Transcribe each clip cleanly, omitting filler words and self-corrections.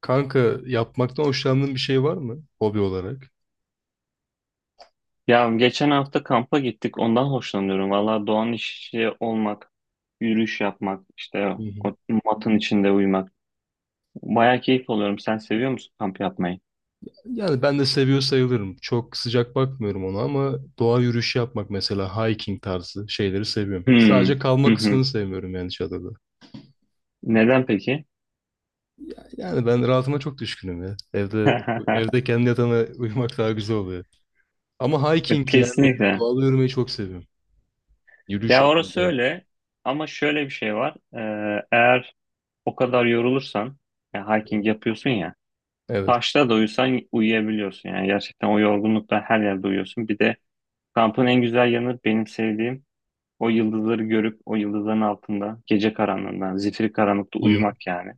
Kanka, yapmaktan hoşlandığın bir şey var mı hobi olarak? Ya geçen hafta kampa gittik. Ondan hoşlanıyorum. Valla doğanın içi olmak, yürüyüş yapmak, işte Hı hı. o matın içinde uyumak. Baya keyif alıyorum. Sen seviyor musun kamp yapmayı? Yani ben de seviyor sayılırım. Çok sıcak bakmıyorum ona ama doğa yürüyüşü yapmak mesela hiking tarzı şeyleri seviyorum. Hmm. Sadece Hı kalma kısmını hı. sevmiyorum yani çadırda. Neden peki? Yani ben rahatıma çok düşkünüm ya. Evde evde kendi yatağına uyumak daha güzel oluyor. Ama hiking yani Kesinlikle. doğada yürümeyi çok seviyorum. Yürüyüş Ya yapmak orası yani. öyle. Ama şöyle bir şey var. Eğer o kadar yorulursan, ya Hı hiking hı. yapıyorsun ya, Evet. taşta da uyusan uyuyabiliyorsun. Yani gerçekten o yorgunlukla her yerde uyuyorsun. Bir de kampın en güzel yanı benim sevdiğim o yıldızları görüp o yıldızların altında gece karanlığından, zifiri karanlıkta Hı hı. uyumak yani.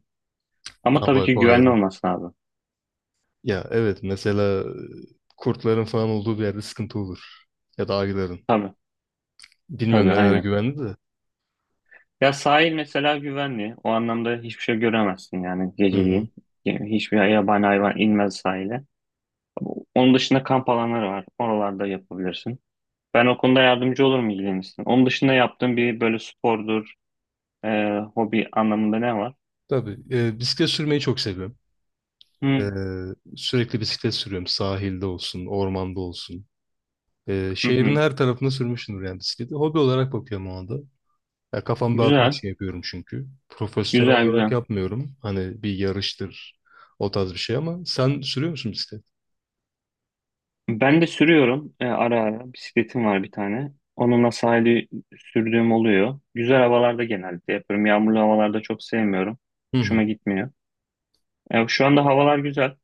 Ama Aa, tabii bak ki o güvenli ayrı. olması lazım. Ya evet mesela kurtların falan olduğu bir yerde sıkıntı olur. Ya da ayıların. Tabii, Bilmiyorum tabii, nelere aynen. güvendi de. Ya sahil mesela güvenli. O anlamda hiçbir şey göremezsin yani Hı hı. geceliğin. Yani hiçbir yabani hayvan inmez sahile. Onun dışında kamp alanları var. Oralarda yapabilirsin. Ben o konuda yardımcı olurum, ilgilenirsin. Onun dışında yaptığın bir böyle spordur, hobi anlamında ne var? Tabii. Bisiklet sürmeyi çok seviyorum. Hı, Sürekli bisiklet sürüyorum. Sahilde olsun, ormanda olsun. Hı, Şehrin hı. her tarafında sürmüşümdür yani bisikleti. Hobi olarak bakıyorum o anda. Ya, kafamı dağıtmak Güzel, için yapıyorum çünkü. Profesyonel güzel, olarak güzel. yapmıyorum. Hani bir yarıştır, o tarz bir şey ama sen sürüyor musun bisiklet? Ben de sürüyorum ara ara. Bisikletim var bir tane. Onunla sahili sürdüğüm oluyor. Güzel havalarda genellikle yapıyorum. Yağmurlu havalarda çok sevmiyorum. Hı hı. Hoşuma gitmiyor. Şu anda havalar güzel.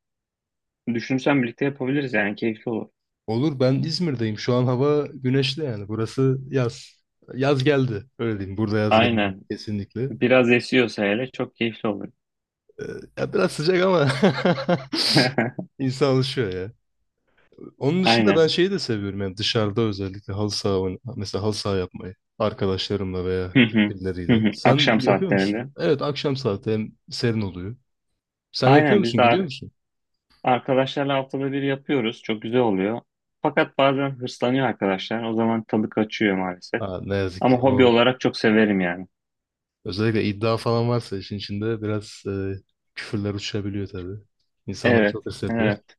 Düşünsem birlikte yapabiliriz, yani keyifli olur. Olur, ben İzmir'deyim. Şu an hava güneşli yani. Burası yaz. Yaz geldi. Öyle diyeyim. Burada yaz geldi. Aynen. Kesinlikle. Biraz esiyorsa hele çok keyifli olur. Ee, Ya biraz sıcak ama insan alışıyor ya. Onun dışında ben Aynen. şeyi de seviyorum yani dışarıda özellikle mesela halı saha yapmayı arkadaşlarımla veya Hı hı. Hı birileriyle. hı. Sen Akşam yapıyor musun? saatlerinde. Evet, akşam saati hem serin oluyor. Sen yapıyor Aynen, biz musun? de Gidiyor musun? arkadaşlarla haftada bir yapıyoruz. Çok güzel oluyor. Fakat bazen hırslanıyor arkadaşlar. O zaman tadı kaçıyor maalesef. Ha, ne yazık Ama ki hobi o olarak çok severim yani. özellikle iddia falan varsa işin içinde biraz küfürler uçabiliyor tabii. İnsanlar Evet, çok hırs yapıyor. evet.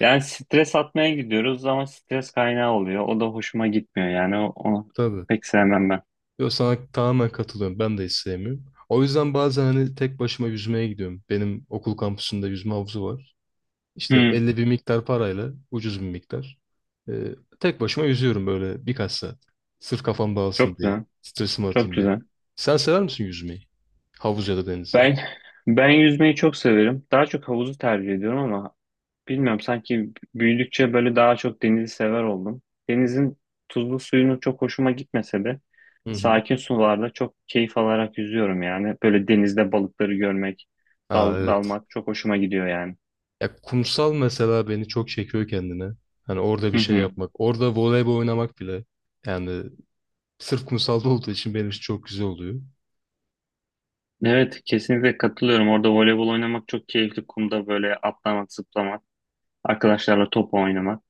Yani stres atmaya gidiyoruz ama stres kaynağı oluyor. O da hoşuma gitmiyor yani. Onu Tabii. pek sevmem ben. Yo, sana tamamen katılıyorum. Ben de hiç sevmiyorum. O yüzden bazen hani tek başıma yüzmeye gidiyorum. Benim okul kampüsünde yüzme havuzu var. İşte Hmm, belli bir miktar parayla, ucuz bir miktar. Ee, Tek başıma yüzüyorum böyle birkaç saat. Sırf kafam dağılsın çok diye, güzel, stresimi çok atayım diye. güzel. Sen sever misin yüzmeyi? Havuz ya da denizde. Ben ben yüzmeyi çok severim. Daha çok havuzu tercih ediyorum ama bilmiyorum, sanki büyüdükçe böyle daha çok denizi sever oldum. Denizin tuzlu suyunu çok hoşuma gitmese de Hı hı. sakin sularda çok keyif alarak yüzüyorum yani. Böyle denizde balıkları görmek, Aa evet. dalmak çok hoşuma gidiyor yani. Ya kumsal mesela beni çok çekiyor kendine. Hani orada bir Hı şey hı. yapmak, orada voleybol oynamak bile. Yani sırf kumsalda olduğu için benim için çok güzel oluyor. Evet, kesinlikle katılıyorum. Orada voleybol oynamak çok keyifli. Kumda böyle atlamak, zıplamak, arkadaşlarla top oynamak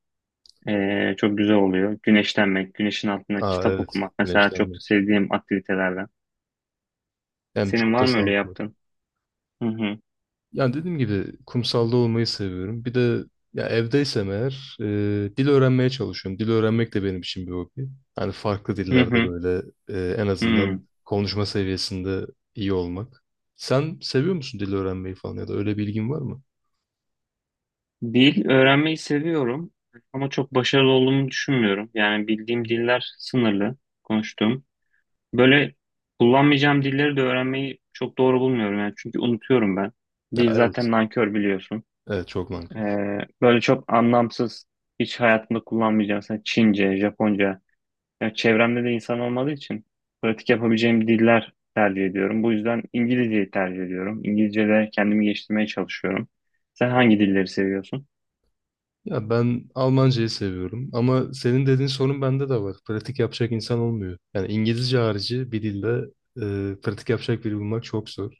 çok güzel oluyor. Güneşlenmek, güneşin altında Aa kitap evet, okumak mesela çok güneşlenmek. sevdiğim aktivitelerden. Yani Senin çok da var mı öyle sağlıklı. yaptığın? Hı hı. Yani dediğim gibi kumsalda olmayı seviyorum. Bir de ya evdeysem eğer dil öğrenmeye çalışıyorum. Dil öğrenmek de benim için bir hobi. Hani farklı Hı dillerde hı. böyle en azından Hı. konuşma seviyesinde iyi olmak. Sen seviyor musun dil öğrenmeyi falan ya da öyle bir ilgin var mı? Dil öğrenmeyi seviyorum ama çok başarılı olduğumu düşünmüyorum. Yani bildiğim diller sınırlı, konuştuğum. Böyle kullanmayacağım dilleri de öğrenmeyi çok doğru bulmuyorum yani, çünkü unutuyorum ben. Ya Dil evet. zaten nankör, biliyorsun. Evet, çok nankör. Böyle çok anlamsız, hiç hayatımda kullanmayacağım. Mesela Çince, Japonca. Yani çevremde de insan olmadığı için pratik yapabileceğim diller tercih ediyorum. Bu yüzden İngilizceyi tercih ediyorum. İngilizce'de kendimi geliştirmeye çalışıyorum. Sen hangi dilleri seviyorsun? Ya ben Almancayı seviyorum ama senin dediğin sorun bende de var. Pratik yapacak insan olmuyor. Yani İngilizce harici bir dilde pratik yapacak biri bulmak çok zor.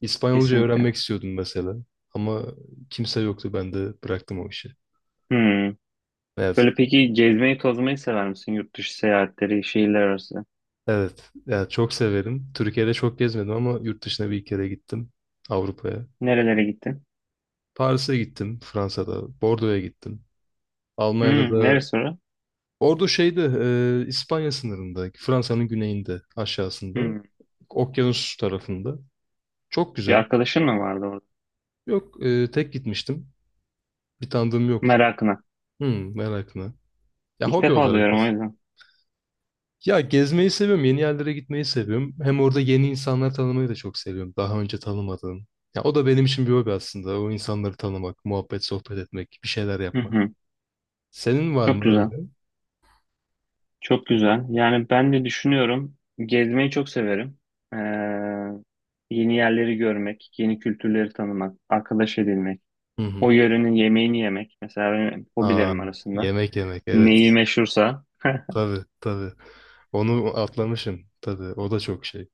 İspanyolca Kesinlikle. öğrenmek istiyordum mesela ama kimse yoktu, ben de bıraktım o işi. Hmm. Evet, Böyle peki, gezmeyi, tozmayı sever misin? Yurt dışı seyahatleri, şehirler arası. evet. Ya çok severim. Türkiye'de çok gezmedim ama yurt dışına bir kere gittim, Avrupa'ya. Nerelere gittin? Paris'e gittim, Fransa'da, Bordo'ya gittim. Almanya'da Hmm, da neresi orası? ordu şeyde, İspanya sınırında, Fransa'nın güneyinde, aşağısında. Hmm. Okyanus tarafında. Çok Bir güzel. arkadaşın mı vardı orada? Yok tek gitmiştim. Bir tanıdığım yoktu. Merakına. Hmm, merakına. Ya İlk hobi defa olarak. duyuyorum, o yüzden. Ya gezmeyi seviyorum. Yeni yerlere gitmeyi seviyorum. Hem orada yeni insanlar tanımayı da çok seviyorum. Daha önce tanımadığım. Ya o da benim için bir hobi aslında. O insanları tanımak, muhabbet, sohbet etmek, bir şeyler Hı yapmak. hı. Senin var Çok mı güzel. öyle? Çok güzel. Yani ben de düşünüyorum. Gezmeyi çok severim. Ee, yeni yerleri görmek, yeni kültürleri tanımak, arkadaş edinmek, Hı o hı. yörenin yemeğini yemek. Mesela benim Aa, hobilerim arasında. yemek yemek, evet. Neyi meşhursa. Tabii tabii. Onu atlamışım. Tabii o da çok şey.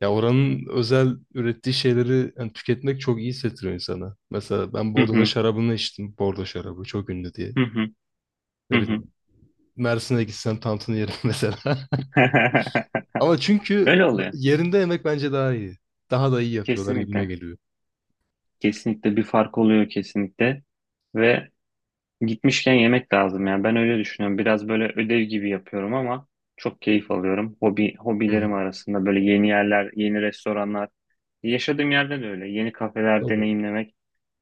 Ya oranın özel ürettiği şeyleri yani tüketmek çok iyi hissettiriyor insana. Mesela ben Hı Bordo'da hı, şarabını içtim. Bordo şarabı çok ünlü diye. hı hı, Ne hı hı. bileyim, Mersin'e gitsem tantını yerim mesela. Ama çünkü Öyle oluyor. yerinde yemek bence daha iyi. Daha da iyi yapıyorlar gibime Kesinlikle. geliyor. Kesinlikle bir fark oluyor, kesinlikle. Ve gitmişken yemek lazım ya. Ben öyle düşünüyorum. Biraz böyle ödev gibi yapıyorum ama çok keyif alıyorum. Hobi, Hı hobilerim hı. arasında böyle yeni yerler, yeni restoranlar. Yaşadığım yerde de öyle. Yeni kafeler Tabii. deneyimlemek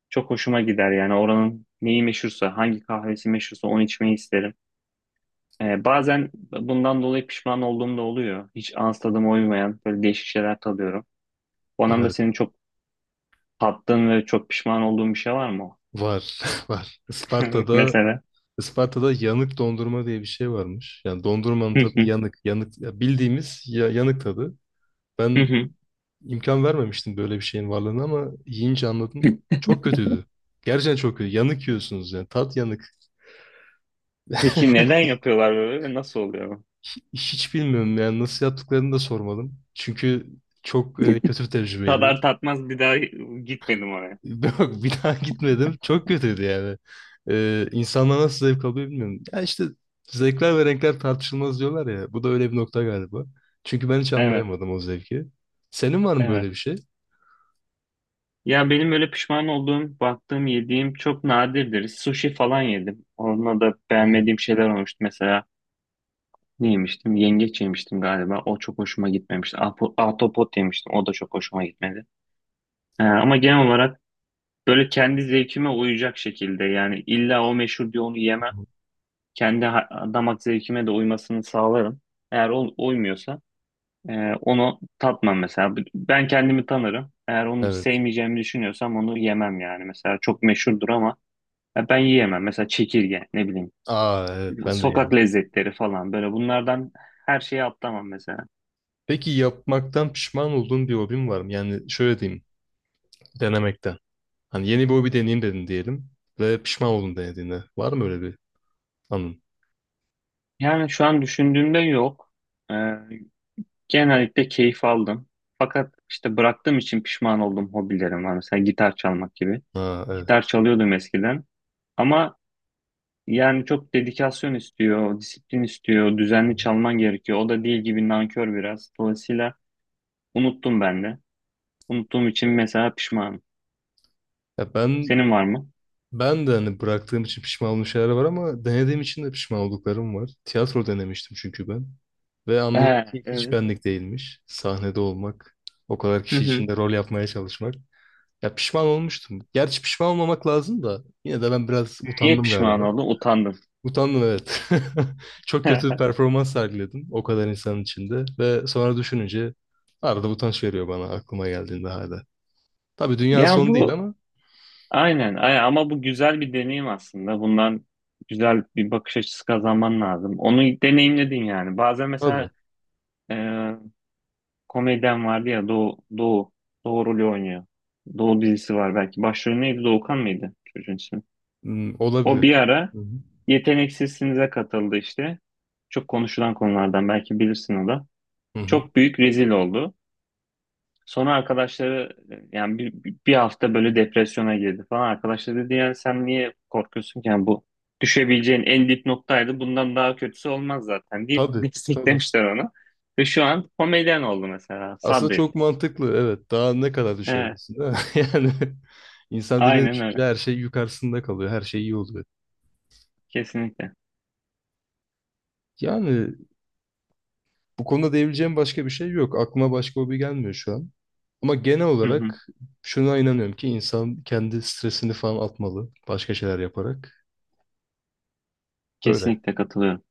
çok hoşuma gider. Yani oranın neyi meşhursa, hangi kahvesi meşhursa onu içmeyi isterim. Bazen bundan dolayı pişman olduğum da oluyor. Hiç ağız tadıma uymayan böyle değişik şeyler tadıyorum. O anlamda Evet. senin çok tattığın ve çok pişman olduğun bir şey var mı? Var. Var. Isparta'da Mesela. Isparta'da yanık dondurma diye bir şey varmış. Yani dondurmanın tadı yanık. Yanık ya bildiğimiz ya, yanık tadı. Ben imkan vermemiştim böyle bir şeyin varlığına ama yiyince anladım. Çok kötüydü. Gerçekten çok kötü. Yanık yiyorsunuz yani. Tat yanık. Peki neden yapıyorlar böyle ve nasıl oluyor? Hiç bilmiyorum yani nasıl yaptıklarını da sormadım. Çünkü çok kötü bir tecrübeydi. Tadar tatmaz bir daha gitmedim oraya. Yok, bir daha gitmedim. Çok kötüydü yani. İnsanlar nasıl zevk alıyor bilmiyorum. Ya işte zevkler ve renkler tartışılmaz diyorlar ya. Bu da öyle bir nokta galiba. Çünkü ben hiç Evet, anlayamadım o zevki. Senin var mı evet. böyle bir şey? Ya benim böyle pişman olduğum, baktığım, yediğim çok nadirdir. Sushi falan yedim. Onunla da Hı beğenmediğim şeyler olmuştu. Mesela ne yemiştim? Yengeç yemiştim galiba. O çok hoşuma gitmemişti. Ahtapot yemiştim. O da çok hoşuma gitmedi. Ama genel olarak böyle kendi zevkime uyacak şekilde, yani illa o meşhur diye onu yemem. hı. Kendi damak zevkime de uymasını sağlarım. Eğer o uymuyorsa, onu tatmam mesela. Ben kendimi tanırım. Eğer onu Evet. sevmeyeceğimi düşünüyorsam onu yemem yani. Mesela çok meşhurdur ama ya ben yiyemem. Mesela çekirge, ne bileyim, Aa evet, ben de sokak yedim. lezzetleri falan, böyle bunlardan her şeyi atlamam mesela. Peki yapmaktan pişman olduğun bir hobin var mı? Yani şöyle diyeyim, denemekten. Hani yeni bir hobi deneyeyim dedin diyelim ve pişman oldun denediğinde. Var mı öyle bir anın? Yani şu an düşündüğümde yok. Ee, genellikle keyif aldım. Fakat işte bıraktığım için pişman oldum hobilerim var. Mesela gitar çalmak gibi. Ha Gitar evet. çalıyordum eskiden. Ama yani çok dedikasyon istiyor, disiplin istiyor, düzenli çalman gerekiyor. O da değil gibi, nankör biraz. Dolayısıyla unuttum ben de. Unuttuğum için mesela pişmanım. Ya ben Senin var mı? ben de hani bıraktığım için pişman olduğum şeyler var ama denediğim için de pişman olduklarım var. Tiyatro denemiştim çünkü ben. Ve He, anladım ki hiç evet. benlik değilmiş. Sahnede olmak, o kadar Hı kişi hı. içinde rol yapmaya çalışmak. Ya pişman olmuştum. Gerçi pişman olmamak lazım da yine de ben biraz Niye utandım pişman galiba. oldum? Utandım. Utandım evet. Çok kötü bir performans sergiledim o kadar insanın içinde ve sonra düşününce arada utanç veriyor bana aklıma geldiğinde hala. Tabii dünya Ya son değil bu, ama aynen, ama bu güzel bir deneyim aslında. Bundan güzel bir bakış açısı kazanman lazım. Onu deneyimledin yani. Bazen tabii mesela komedyen vardı ya, Doğu rolü oynuyor. Doğu dizisi var belki. Başrolü neydi? Doğukan mıydı çocuğun ismi? hmm, O bir olabilir. ara Hı hı. Yeteneksizsinize katıldı işte. Çok konuşulan konulardan, belki bilirsin o da. Hı hı. Çok büyük rezil oldu. Sonra arkadaşları yani bir hafta böyle depresyona girdi falan. Arkadaşları dedi yani, sen niye korkuyorsun ki? Yani bu düşebileceğin en dip noktaydı. Bundan daha kötüsü olmaz zaten, deyip Tabii tabii. desteklemişler onu. Ve şu an komedyen oldu mesela. Aslında Sabret. çok mantıklı, evet. Daha ne kadar Evet. düşebilirsin değil mi? Yani insan dibine Aynen düşünce öyle. her şey yukarısında kalıyor. Her şey iyi oluyor. Kesinlikle. Yani bu konuda diyebileceğim başka bir şey yok. Aklıma başka hobi gelmiyor şu an. Ama genel Hı hı. olarak şuna inanıyorum ki insan kendi stresini falan atmalı başka şeyler yaparak. Öyle. Kesinlikle katılıyorum.